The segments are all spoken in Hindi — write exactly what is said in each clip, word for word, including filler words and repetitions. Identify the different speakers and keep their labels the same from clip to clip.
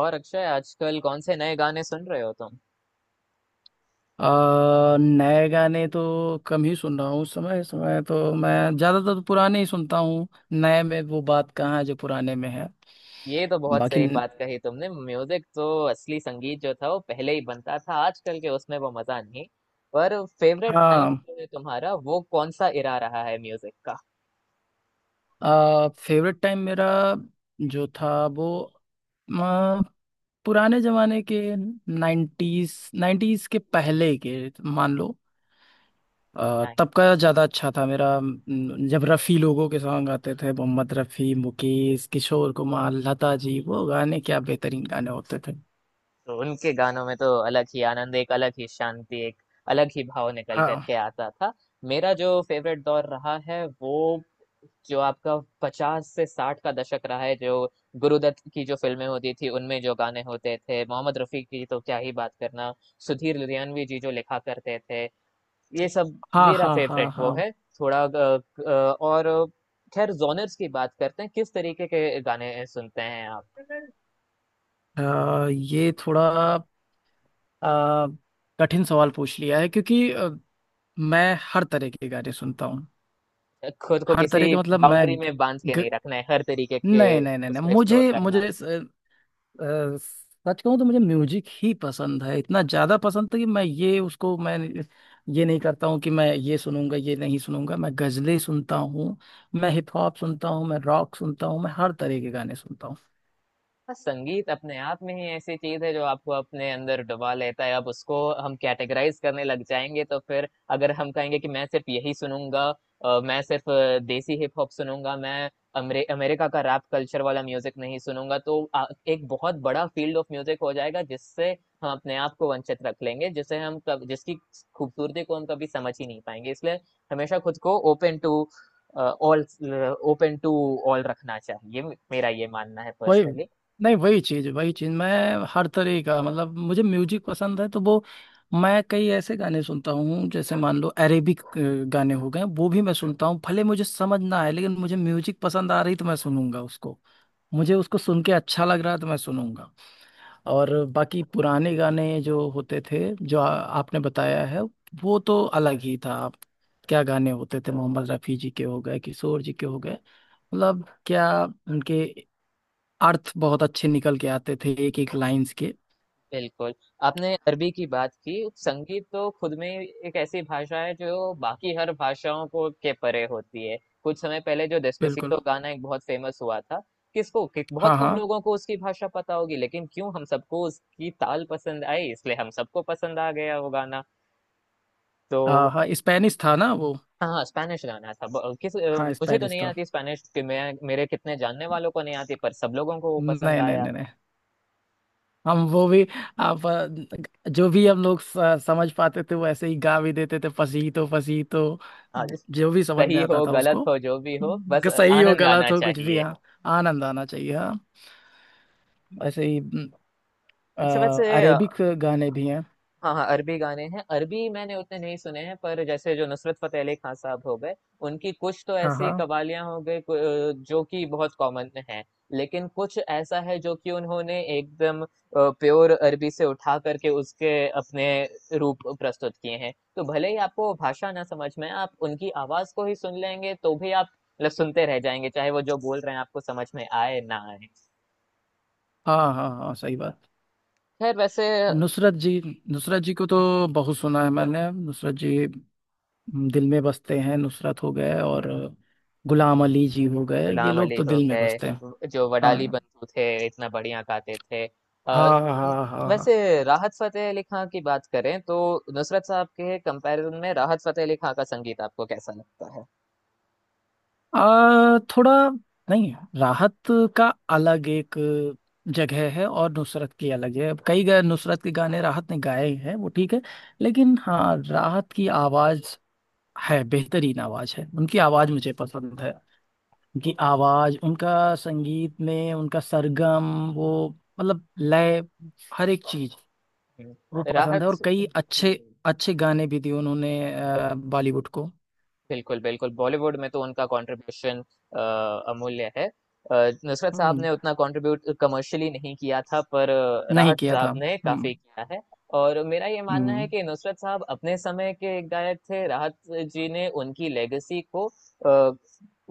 Speaker 1: और अक्षय, आजकल कौन से नए गाने सुन रहे हो तुम?
Speaker 2: आ, नए गाने तो कम ही सुन रहा हूँ उस समय। इस समय तो मैं ज्यादातर तो पुराने ही सुनता हूँ। नए में वो बात कहाँ है जो पुराने में है।
Speaker 1: ये तो बहुत
Speaker 2: बाकी।
Speaker 1: सही बात कही तुमने। म्यूजिक तो असली संगीत जो था वो पहले ही बनता था, आजकल के उसमें वो मजा नहीं। पर फेवरेट टाइम
Speaker 2: हाँ।
Speaker 1: जो है तुम्हारा, वो कौन सा इरा रहा है म्यूजिक
Speaker 2: आ, फेवरेट टाइम मेरा जो था वो आ, पुराने जमाने के नाइन्टीज। नाइन्टीज के पहले के मान लो। आ,
Speaker 1: का?
Speaker 2: तब का ज्यादा अच्छा था मेरा न- जब रफ़ी लोगों के सॉन्ग आते थे। मोहम्मद रफ़ी, मुकेश, किशोर कुमार, लता जी, वो गाने क्या बेहतरीन गाने होते थे।
Speaker 1: तो उनके गानों में तो अलग ही आनंद, एक अलग ही शांति, एक अलग ही भाव निकल
Speaker 2: हाँ
Speaker 1: करके आता था। मेरा जो फेवरेट दौर रहा है वो, जो आपका पचास से साठ का दशक रहा है, जो गुरुदत्त की जो फिल्में होती थी उनमें जो गाने होते थे, मोहम्मद रफी की तो क्या ही बात करना। सुधीर लुधियानवी जी जो लिखा करते थे, ये सब
Speaker 2: हाँ
Speaker 1: मेरा
Speaker 2: हाँ
Speaker 1: फेवरेट
Speaker 2: हाँ।
Speaker 1: वो
Speaker 2: हाँ,
Speaker 1: है। थोड़ा अ, अ, और खैर, जोनर्स की बात करते हैं। किस तरीके के गाने सुनते हैं आप?
Speaker 2: अ, ये थोड़ा अ, कठिन सवाल पूछ लिया है, क्योंकि अ, मैं हर तरह के गाने सुनता हूँ।
Speaker 1: खुद को
Speaker 2: हर तरह
Speaker 1: किसी
Speaker 2: के मतलब मैं
Speaker 1: बाउंड्री में बांध के
Speaker 2: ग,
Speaker 1: नहीं रखना है, हर तरीके के
Speaker 2: नहीं नहीं नहीं नहीं,
Speaker 1: उसको एक्सप्लोर
Speaker 2: मुझे
Speaker 1: करना।
Speaker 2: मुझे स- अ, सच कहूँ तो मुझे म्यूजिक ही पसंद है। इतना ज्यादा पसंद था कि मैं ये उसको मैं ये नहीं करता हूँ कि मैं ये सुनूंगा ये नहीं सुनूंगा। मैं गजलें सुनता हूँ, मैं हिप हॉप सुनता हूँ, मैं रॉक सुनता हूँ, मैं हर तरह के गाने सुनता हूँ।
Speaker 1: बस संगीत अपने आप में ही ऐसी चीज है जो आपको अपने अंदर डुबा लेता है। अब उसको हम कैटेगराइज करने लग जाएंगे तो फिर, अगर हम कहेंगे कि मैं सिर्फ यही सुनूंगा, अ, मैं सिर्फ अ, देसी हिप हॉप सुनूंगा, मैं अमरे, अमेरिका का रैप कल्चर वाला म्यूजिक नहीं सुनूंगा, तो आ, एक बहुत बड़ा फील्ड ऑफ म्यूजिक हो जाएगा जिससे हम अपने आप को वंचित रख लेंगे, जिसे हम कब, जिसकी खूबसूरती को हम कभी समझ ही नहीं पाएंगे। इसलिए हमेशा खुद को open to all, open to all रखना चाहिए। मेरा ये मानना है,
Speaker 2: वही
Speaker 1: पर्सनली।
Speaker 2: नहीं, वही चीज, वही चीज मैं हर तरह का मतलब मुझे म्यूजिक पसंद है तो वो मैं कई ऐसे गाने सुनता हूँ। जैसे मान लो अरेबिक अ, गाने हो गए, वो भी मैं सुनता हूँ। भले मुझे समझ ना आए, लेकिन मुझे म्यूजिक पसंद आ रही तो मैं सुनूंगा उसको। मुझे उसको सुन के अच्छा लग रहा है तो मैं सुनूंगा। और बाकी पुराने गाने जो होते थे, जो आ, आपने बताया है, वो तो अलग ही था। आप क्या गाने होते थे! मोहम्मद रफी जी के हो गए, किशोर जी के हो गए, मतलब क्या उनके अर्थ बहुत अच्छे निकल के आते थे एक एक लाइंस के।
Speaker 1: बिल्कुल। आपने अरबी की बात की। संगीत तो खुद में एक ऐसी भाषा है जो बाकी हर भाषाओं को के परे होती है। कुछ समय पहले जो
Speaker 2: बिल्कुल।
Speaker 1: डेस्पासितो गाना एक बहुत फेमस हुआ था, किसको कि बहुत
Speaker 2: हाँ
Speaker 1: कम
Speaker 2: हाँ
Speaker 1: लोगों को उसकी भाषा पता होगी, लेकिन क्यों हम सबको उसकी ताल पसंद आई, इसलिए हम सबको पसंद आ गया वो गाना। तो
Speaker 2: हाँ हाँ। स्पेनिश था ना वो।
Speaker 1: हाँ, हाँ, स्पेनिश गाना था। ब किस अ,
Speaker 2: हाँ,
Speaker 1: मुझे तो
Speaker 2: स्पेनिश
Speaker 1: नहीं
Speaker 2: था।
Speaker 1: आती स्पेनिश, कि मैं, मेरे कितने जानने वालों को नहीं आती, पर सब लोगों को वो पसंद
Speaker 2: नहीं नहीं
Speaker 1: आया।
Speaker 2: नहीं नहीं, हम वो भी। आप अ, जो भी हम लोग स- समझ पाते थे वो ऐसे ही गा भी देते थे, पसीतो पसीतो।
Speaker 1: हाँ, इस
Speaker 2: जो भी समझ में
Speaker 1: सही
Speaker 2: आता
Speaker 1: हो,
Speaker 2: था
Speaker 1: गलत
Speaker 2: उसको।
Speaker 1: हो, जो भी हो, बस
Speaker 2: ग- सही हो
Speaker 1: आनंद
Speaker 2: गलत
Speaker 1: आना
Speaker 2: हो कुछ भी,
Speaker 1: चाहिए।
Speaker 2: हाँ। आनंद आना चाहिए, हाँ। ऐसे ही।
Speaker 1: अच्छा वैसे, अ,
Speaker 2: अरेबिक गाने भी हैं।
Speaker 1: हाँ हाँ, अरबी गाने हैं। अरबी मैंने उतने नहीं सुने हैं पर जैसे जो नुसरत फतेह अली खान साहब हो गए, उनकी कुछ तो
Speaker 2: हाँ
Speaker 1: ऐसी
Speaker 2: हाँ
Speaker 1: कवालियां हो गई कु- अ, जो कि बहुत कॉमन है लेकिन कुछ ऐसा है जो कि उन्होंने एकदम प्योर अरबी से उठा करके उसके अपने रूप प्रस्तुत किए हैं। तो भले ही आपको भाषा ना समझ में आए, आप उनकी आवाज को ही सुन लेंगे तो भी आप, मतलब, सुनते रह जाएंगे, चाहे वो जो बोल रहे हैं आपको समझ में आए ना आए।
Speaker 2: हाँ हाँ। हाँ, सही बात।
Speaker 1: खैर, वैसे
Speaker 2: नुसरत जी। नुसरत जी को तो बहुत सुना है मैंने। नुसरत जी दिल में बसते हैं। नुसरत हो गए और गुलाम अली जी हो गए, ये
Speaker 1: गुलाम
Speaker 2: लोग
Speaker 1: अली
Speaker 2: तो
Speaker 1: हो
Speaker 2: दिल में
Speaker 1: गए,
Speaker 2: बसते हैं।
Speaker 1: व- जो वडाली
Speaker 2: हाँ
Speaker 1: बंधु थे, इतना बढ़िया गाते थे। अ,
Speaker 2: हाँ
Speaker 1: न-
Speaker 2: हाँ हाँ।
Speaker 1: वैसे
Speaker 2: हाँ,
Speaker 1: राहत फतेह अली खां की बात करें तो, नुसरत साहब के कंपैरिजन में राहत फतेह अली खां का संगीत आपको कैसा लगता है?
Speaker 2: आ, थोड़ा नहीं, राहत का अलग एक जगह है और नुसरत की अलग है। कई गए नुसरत के गाने राहत ने गाए हैं, वो ठीक है। लेकिन हाँ, राहत की आवाज है, बेहतरीन आवाज है उनकी। आवाज मुझे पसंद है, उनकी आवाज, उनका संगीत में उनका सरगम वो मतलब लय, हर एक चीज
Speaker 1: हम्म,
Speaker 2: वो पसंद
Speaker 1: राहत।
Speaker 2: है। और कई
Speaker 1: हम्म।
Speaker 2: अच्छे
Speaker 1: हम्म।
Speaker 2: अच्छे गाने भी दिए उन्होंने अ, बॉलीवुड को।
Speaker 1: बिल्कुल, बिल्कुल, बॉलीवुड में तो उनका कंट्रीब्यूशन अ, अमूल्य है। अ, नुसरत साहब
Speaker 2: हम्म।
Speaker 1: ने उतना कंट्रीब्यूट कमर्शियली नहीं किया था, पर अ,
Speaker 2: नहीं
Speaker 1: राहत
Speaker 2: किया था।
Speaker 1: साहब ने
Speaker 2: हम्म।
Speaker 1: काफ़ी किया है। और मेरा ये मानना है
Speaker 2: हम्म।
Speaker 1: कि नुसरत साहब अपने समय के एक गायक थे, राहत जी ने उनकी लेगेसी को अ,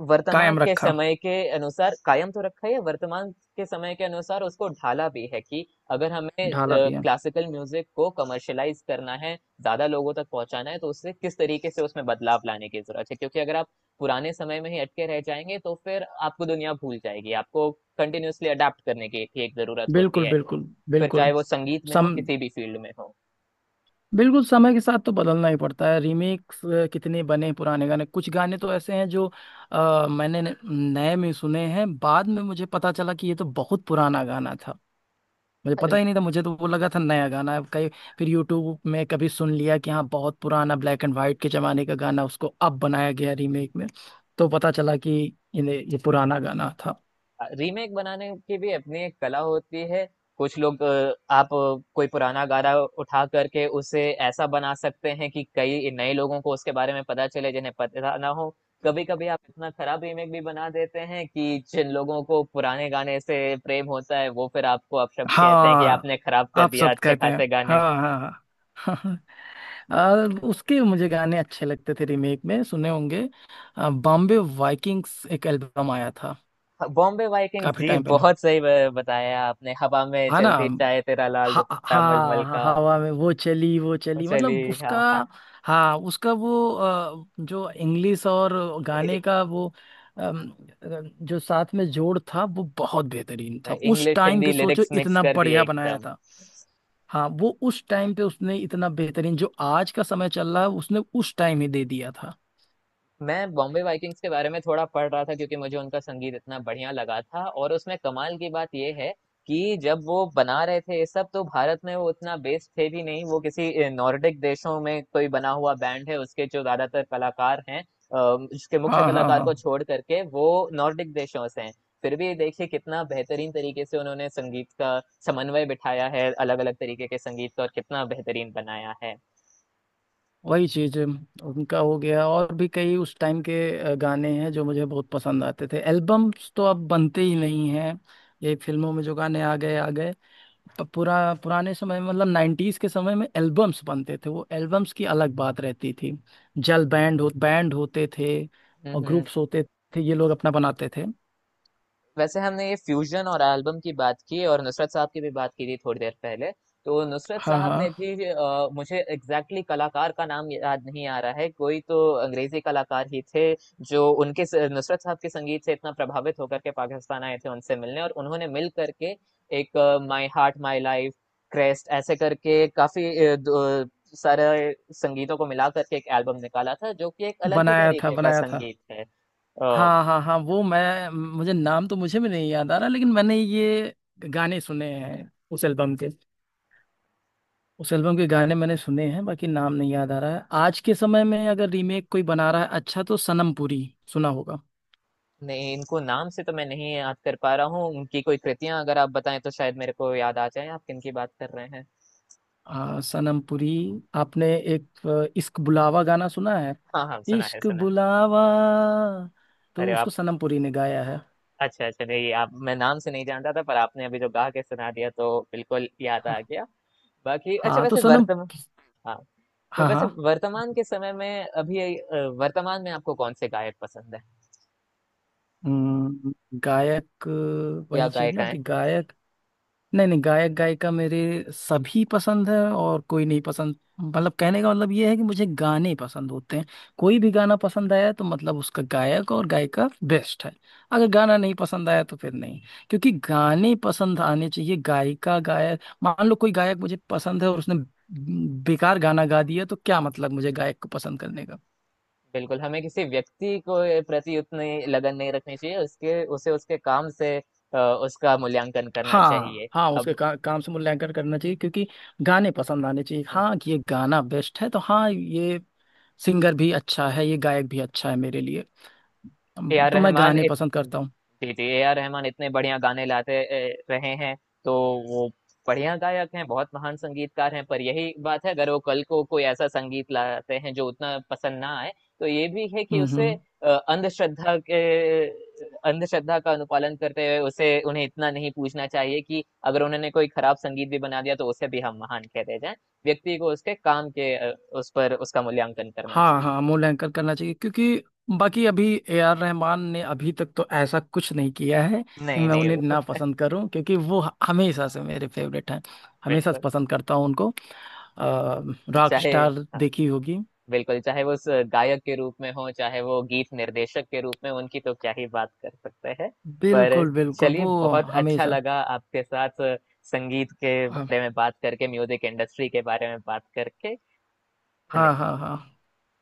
Speaker 1: वर्तमान
Speaker 2: कायम
Speaker 1: के
Speaker 2: रखा।
Speaker 1: समय के अनुसार कायम तो रखा ही है, वर्तमान के समय के अनुसार उसको ढाला भी है कि, अगर हमें
Speaker 2: ढाला भी है।
Speaker 1: क्लासिकल म्यूज़िक को कमर्शियलाइज़ करना है, ज्यादा लोगों तक पहुंचाना है, तो उससे किस तरीके से उसमें बदलाव लाने की जरूरत है। क्योंकि अगर आप पुराने समय में ही अटके रह जाएंगे तो फिर आपको दुनिया भूल जाएगी। आपको कंटिन्यूअसली अडेप्ट करने की भी एक जरूरत होती
Speaker 2: बिल्कुल
Speaker 1: है,
Speaker 2: बिल्कुल
Speaker 1: फिर
Speaker 2: बिल्कुल।
Speaker 1: चाहे वो संगीत में हो,
Speaker 2: सम
Speaker 1: किसी भी फील्ड में हो।
Speaker 2: बिल्कुल समय के साथ तो बदलना ही पड़ता है। रीमेक्स कितने बने पुराने गाने! कुछ गाने तो ऐसे हैं जो अ, मैंने न- नए में सुने हैं, बाद में मुझे पता चला कि ये तो बहुत पुराना गाना था। मुझे पता ही नहीं था, मुझे तो वो लगा था नया गाना है कहीं। फिर यूट्यूब में कभी सुन लिया कि हाँ, बहुत पुराना ब्लैक एंड वाइट के जमाने का गाना, उसको अब बनाया गया रीमेक में। तो पता चला कि ये ये पुराना गाना था।
Speaker 1: रीमेक बनाने की भी अपनी एक कला होती है। कुछ लोग अ, आप अ, कोई पुराना गाना उठा करके उसे ऐसा बना सकते हैं कि कई नए लोगों को उसके बारे में पता चले जिन्हें पता ना हो। कभी कभी आप इतना खराब रीमेक भी बना देते हैं कि जिन लोगों को पुराने गाने से प्रेम होता है, वो फिर आपको अपशब्द कहते हैं कि
Speaker 2: हाँ,
Speaker 1: आपने खराब कर
Speaker 2: आप
Speaker 1: दिया
Speaker 2: सब
Speaker 1: अच्छे
Speaker 2: कहते हैं,
Speaker 1: खासे गाने को।
Speaker 2: हाँ हाँ हाँ। आ, उसके मुझे गाने अच्छे लगते थे, रीमेक में सुने होंगे। बॉम्बे वाइकिंग्स एक एल्बम आया था,
Speaker 1: हाँ, बॉम्बे वाइकिंग्स
Speaker 2: काफी
Speaker 1: जी,
Speaker 2: टाइम पहले,
Speaker 1: बहुत सही ब- बताया आपने। हवा में
Speaker 2: है ना।
Speaker 1: चलती, चाहे तेरा लाल
Speaker 2: हाँ
Speaker 1: दुपट्टा मलमल
Speaker 2: हाँ
Speaker 1: का।
Speaker 2: हाँ, हवा में वो चली वो चली
Speaker 1: चली।
Speaker 2: मतलब उसका।
Speaker 1: हाँ
Speaker 2: हाँ, उसका वो अ, जो इंग्लिश और
Speaker 1: हाँ,
Speaker 2: गाने का वो अम, अ, जो साथ में जोड़ था वो बहुत बेहतरीन था। उस
Speaker 1: इंग्लिश
Speaker 2: टाइम
Speaker 1: हिंदी
Speaker 2: पे सोचो,
Speaker 1: लिरिक्स मिक्स
Speaker 2: इतना
Speaker 1: कर दिए
Speaker 2: बढ़िया बनाया
Speaker 1: एकदम।
Speaker 2: था! हाँ, वो उस टाइम पे उसने इतना बेहतरीन, जो आज का समय चल रहा है, उसने उस टाइम ही दे दिया था।
Speaker 1: मैं बॉम्बे वाइकिंग्स के बारे में थोड़ा पढ़ रहा था, क्योंकि मुझे उनका संगीत इतना बढ़िया लगा था। और उसमें कमाल की बात यह है कि जब वो बना रहे थे ये सब, तो भारत में वो उतना बेस्ड थे भी नहीं। वो किसी नॉर्डिक देशों में कोई बना हुआ बैंड है, उसके जो ज्यादातर कलाकार हैं, अ, उसके मुख्य
Speaker 2: हाँ हाँ
Speaker 1: कलाकार
Speaker 2: हाँ।
Speaker 1: को छोड़ करके वो नॉर्डिक देशों से हैं। फिर भी देखिए कितना बेहतरीन तरीके से उन्होंने संगीत का समन्वय बिठाया है, अलग अलग तरीके के संगीत का, और कितना बेहतरीन बनाया है।
Speaker 2: वही चीज उनका हो गया, और भी कई उस टाइम के अ, गाने हैं जो मुझे बहुत पसंद आते थे। एल्बम्स तो अब बनते ही नहीं हैं, ये फिल्मों में जो गाने आ गए आ गए। प- पुरा पुराने समय में, मतलब नाइन्टीज के समय में एल्बम्स बनते थे, वो एल्बम्स की अलग बात रहती थी। जल बैंड हो बैंड होते थे और
Speaker 1: हम्म। हम्म।
Speaker 2: ग्रुप्स होते थे, ये लोग अपना बनाते थे।
Speaker 1: वैसे हमने ये फ्यूजन और एल्बम की बात की, और नुसरत साहब की भी बात की थी थोड़ी देर पहले। तो नुसरत
Speaker 2: हाँ
Speaker 1: साहब ने
Speaker 2: हाँ।
Speaker 1: भी, अ, मुझे एग्जैक्टली exactly कलाकार का नाम याद नहीं आ रहा है, कोई तो अंग्रेजी कलाकार ही थे जो उनके स- नुसरत साहब के संगीत से इतना प्रभावित होकर के पाकिस्तान आए थे उनसे मिलने, और उन्होंने मिल करके एक माई हार्ट माई लाइफ क्रेस्ट ऐसे करके काफी अ, दो- सारे संगीतों को मिला करके एक एल्बम निकाला था, जो कि एक अलग ही
Speaker 2: बनाया था,
Speaker 1: तरीके का
Speaker 2: बनाया था।
Speaker 1: संगीत है।
Speaker 2: हाँ हाँ हाँ, वो मैं मुझे नाम तो मुझे भी नहीं याद आ रहा, लेकिन मैंने ये गाने सुने हैं उस एल्बम के। उस एल्बम के गाने मैंने सुने हैं, बाकी नाम नहीं याद आ रहा है। आज के समय में अगर रीमेक कोई बना रहा है अच्छा तो सनम पुरी, सुना होगा।
Speaker 1: नहीं, इनको नाम से तो मैं नहीं याद कर पा रहा हूँ। उनकी कोई कृतियां अगर आप बताएं तो शायद मेरे को याद आ जाए। आप किन की बात कर रहे हैं?
Speaker 2: आ, सनम पुरी। आपने एक अ, इश्क बुलावा गाना सुना है?
Speaker 1: हाँ हाँ, सुना है,
Speaker 2: इश्क
Speaker 1: सुना।
Speaker 2: बुलावा, तो
Speaker 1: अरे
Speaker 2: उसको
Speaker 1: आप,
Speaker 2: सनम पुरी ने गाया है।
Speaker 1: अच्छा अच्छा, नहीं आप, मैं नाम से नहीं जानता था पर आपने अभी जो गा के सुना दिया तो बिल्कुल याद
Speaker 2: हाँ।
Speaker 1: आ गया। बाकी, अच्छा
Speaker 2: हाँ, तो
Speaker 1: वैसे
Speaker 2: सनम।
Speaker 1: वर्तमान, हाँ, तो
Speaker 2: हाँ
Speaker 1: वैसे
Speaker 2: हाँ।
Speaker 1: वर्तमान के समय में अभी, अ, वर्तमान में आपको कौन से गायक पसंद है?
Speaker 2: हम्म, गायक अ,
Speaker 1: या
Speaker 2: वही चीज ना
Speaker 1: गायिकाएं?
Speaker 2: कि गायक। नहीं नहीं, गायक गायिका मेरे सभी पसंद है और कोई नहीं पसंद, मतलब कहने का मतलब ये है कि मुझे गाने पसंद होते हैं। कोई भी गाना पसंद आया तो मतलब उसका गायक और गायिका बेस्ट है। अगर गाना नहीं पसंद आया तो फिर नहीं। क्योंकि गाने पसंद आने चाहिए, गायिका गायक। मान लो कोई गायक मुझे पसंद है और उसने बेकार गाना गा दिया तो क्या मतलब मुझे गायक को पसंद करने का?
Speaker 1: बिल्कुल, हमें किसी व्यक्ति को प्रति उतनी लगन नहीं रखनी चाहिए, उसके, उसे, उसके काम से, अ, उसका मूल्यांकन करना चाहिए।
Speaker 2: हाँ हाँ, उसके
Speaker 1: अब,
Speaker 2: का, काम से मूल्यांकन करना चाहिए, क्योंकि गाने पसंद आने चाहिए।
Speaker 1: ए
Speaker 2: हाँ, ये गाना बेस्ट है तो हाँ, ये सिंगर भी अच्छा है, ये गायक भी अच्छा है मेरे लिए। अम,
Speaker 1: आर
Speaker 2: तो मैं
Speaker 1: रहमान
Speaker 2: गाने
Speaker 1: इत,
Speaker 2: पसंद करता हूँ।
Speaker 1: जी जी ए आर रहमान इतने बढ़िया गाने लाते ए, रहे हैं। तो वो बढ़िया गायक हैं, बहुत महान संगीतकार हैं, पर यही बात है, अगर वो कल को कोई ऐसा संगीत लाते हैं जो उतना पसंद ना आए, तो ये भी है कि
Speaker 2: हम्म
Speaker 1: उसे,
Speaker 2: हम्म।
Speaker 1: अ, अंधश्रद्धा के अंधश्रद्धा का अनुपालन करते हुए उसे, उन्हें इतना नहीं पूछना चाहिए कि अगर उन्होंने कोई खराब संगीत भी बना दिया तो उसे भी हम महान कहते जाएं। व्यक्ति को उसके काम के, अ, उस पर उसका मूल्यांकन करना
Speaker 2: हाँ
Speaker 1: चाहिए।
Speaker 2: हाँ, मूल्यांकन करना चाहिए, क्योंकि बाकी अभी ए आर रहमान ने अभी तक तो ऐसा कुछ नहीं किया है कि
Speaker 1: नहीं
Speaker 2: मैं
Speaker 1: नहीं,
Speaker 2: उन्हें
Speaker 1: वो
Speaker 2: ना पसंद करूं। क्योंकि वो हमेशा से मेरे फेवरेट हैं, हमेशा से
Speaker 1: बिल्कुल
Speaker 2: पसंद करता हूं उनको। रॉक
Speaker 1: चाहे,
Speaker 2: स्टार
Speaker 1: हाँ,
Speaker 2: देखी होगी।
Speaker 1: बिल्कुल, चाहे वो स- गायक के रूप में हो, चाहे वो गीत निर्देशक के रूप में, उनकी तो क्या ही बात कर सकते हैं। पर
Speaker 2: बिल्कुल बिल्कुल
Speaker 1: चलिए,
Speaker 2: वो
Speaker 1: बहुत अच्छा
Speaker 2: हमेशा।
Speaker 1: लगा आपके साथ संगीत के
Speaker 2: हाँ।
Speaker 1: बारे में बात करके, म्यूजिक इंडस्ट्री के बारे में बात करके।
Speaker 2: हाँ हाँ
Speaker 1: धन्यवाद।
Speaker 2: हाँ।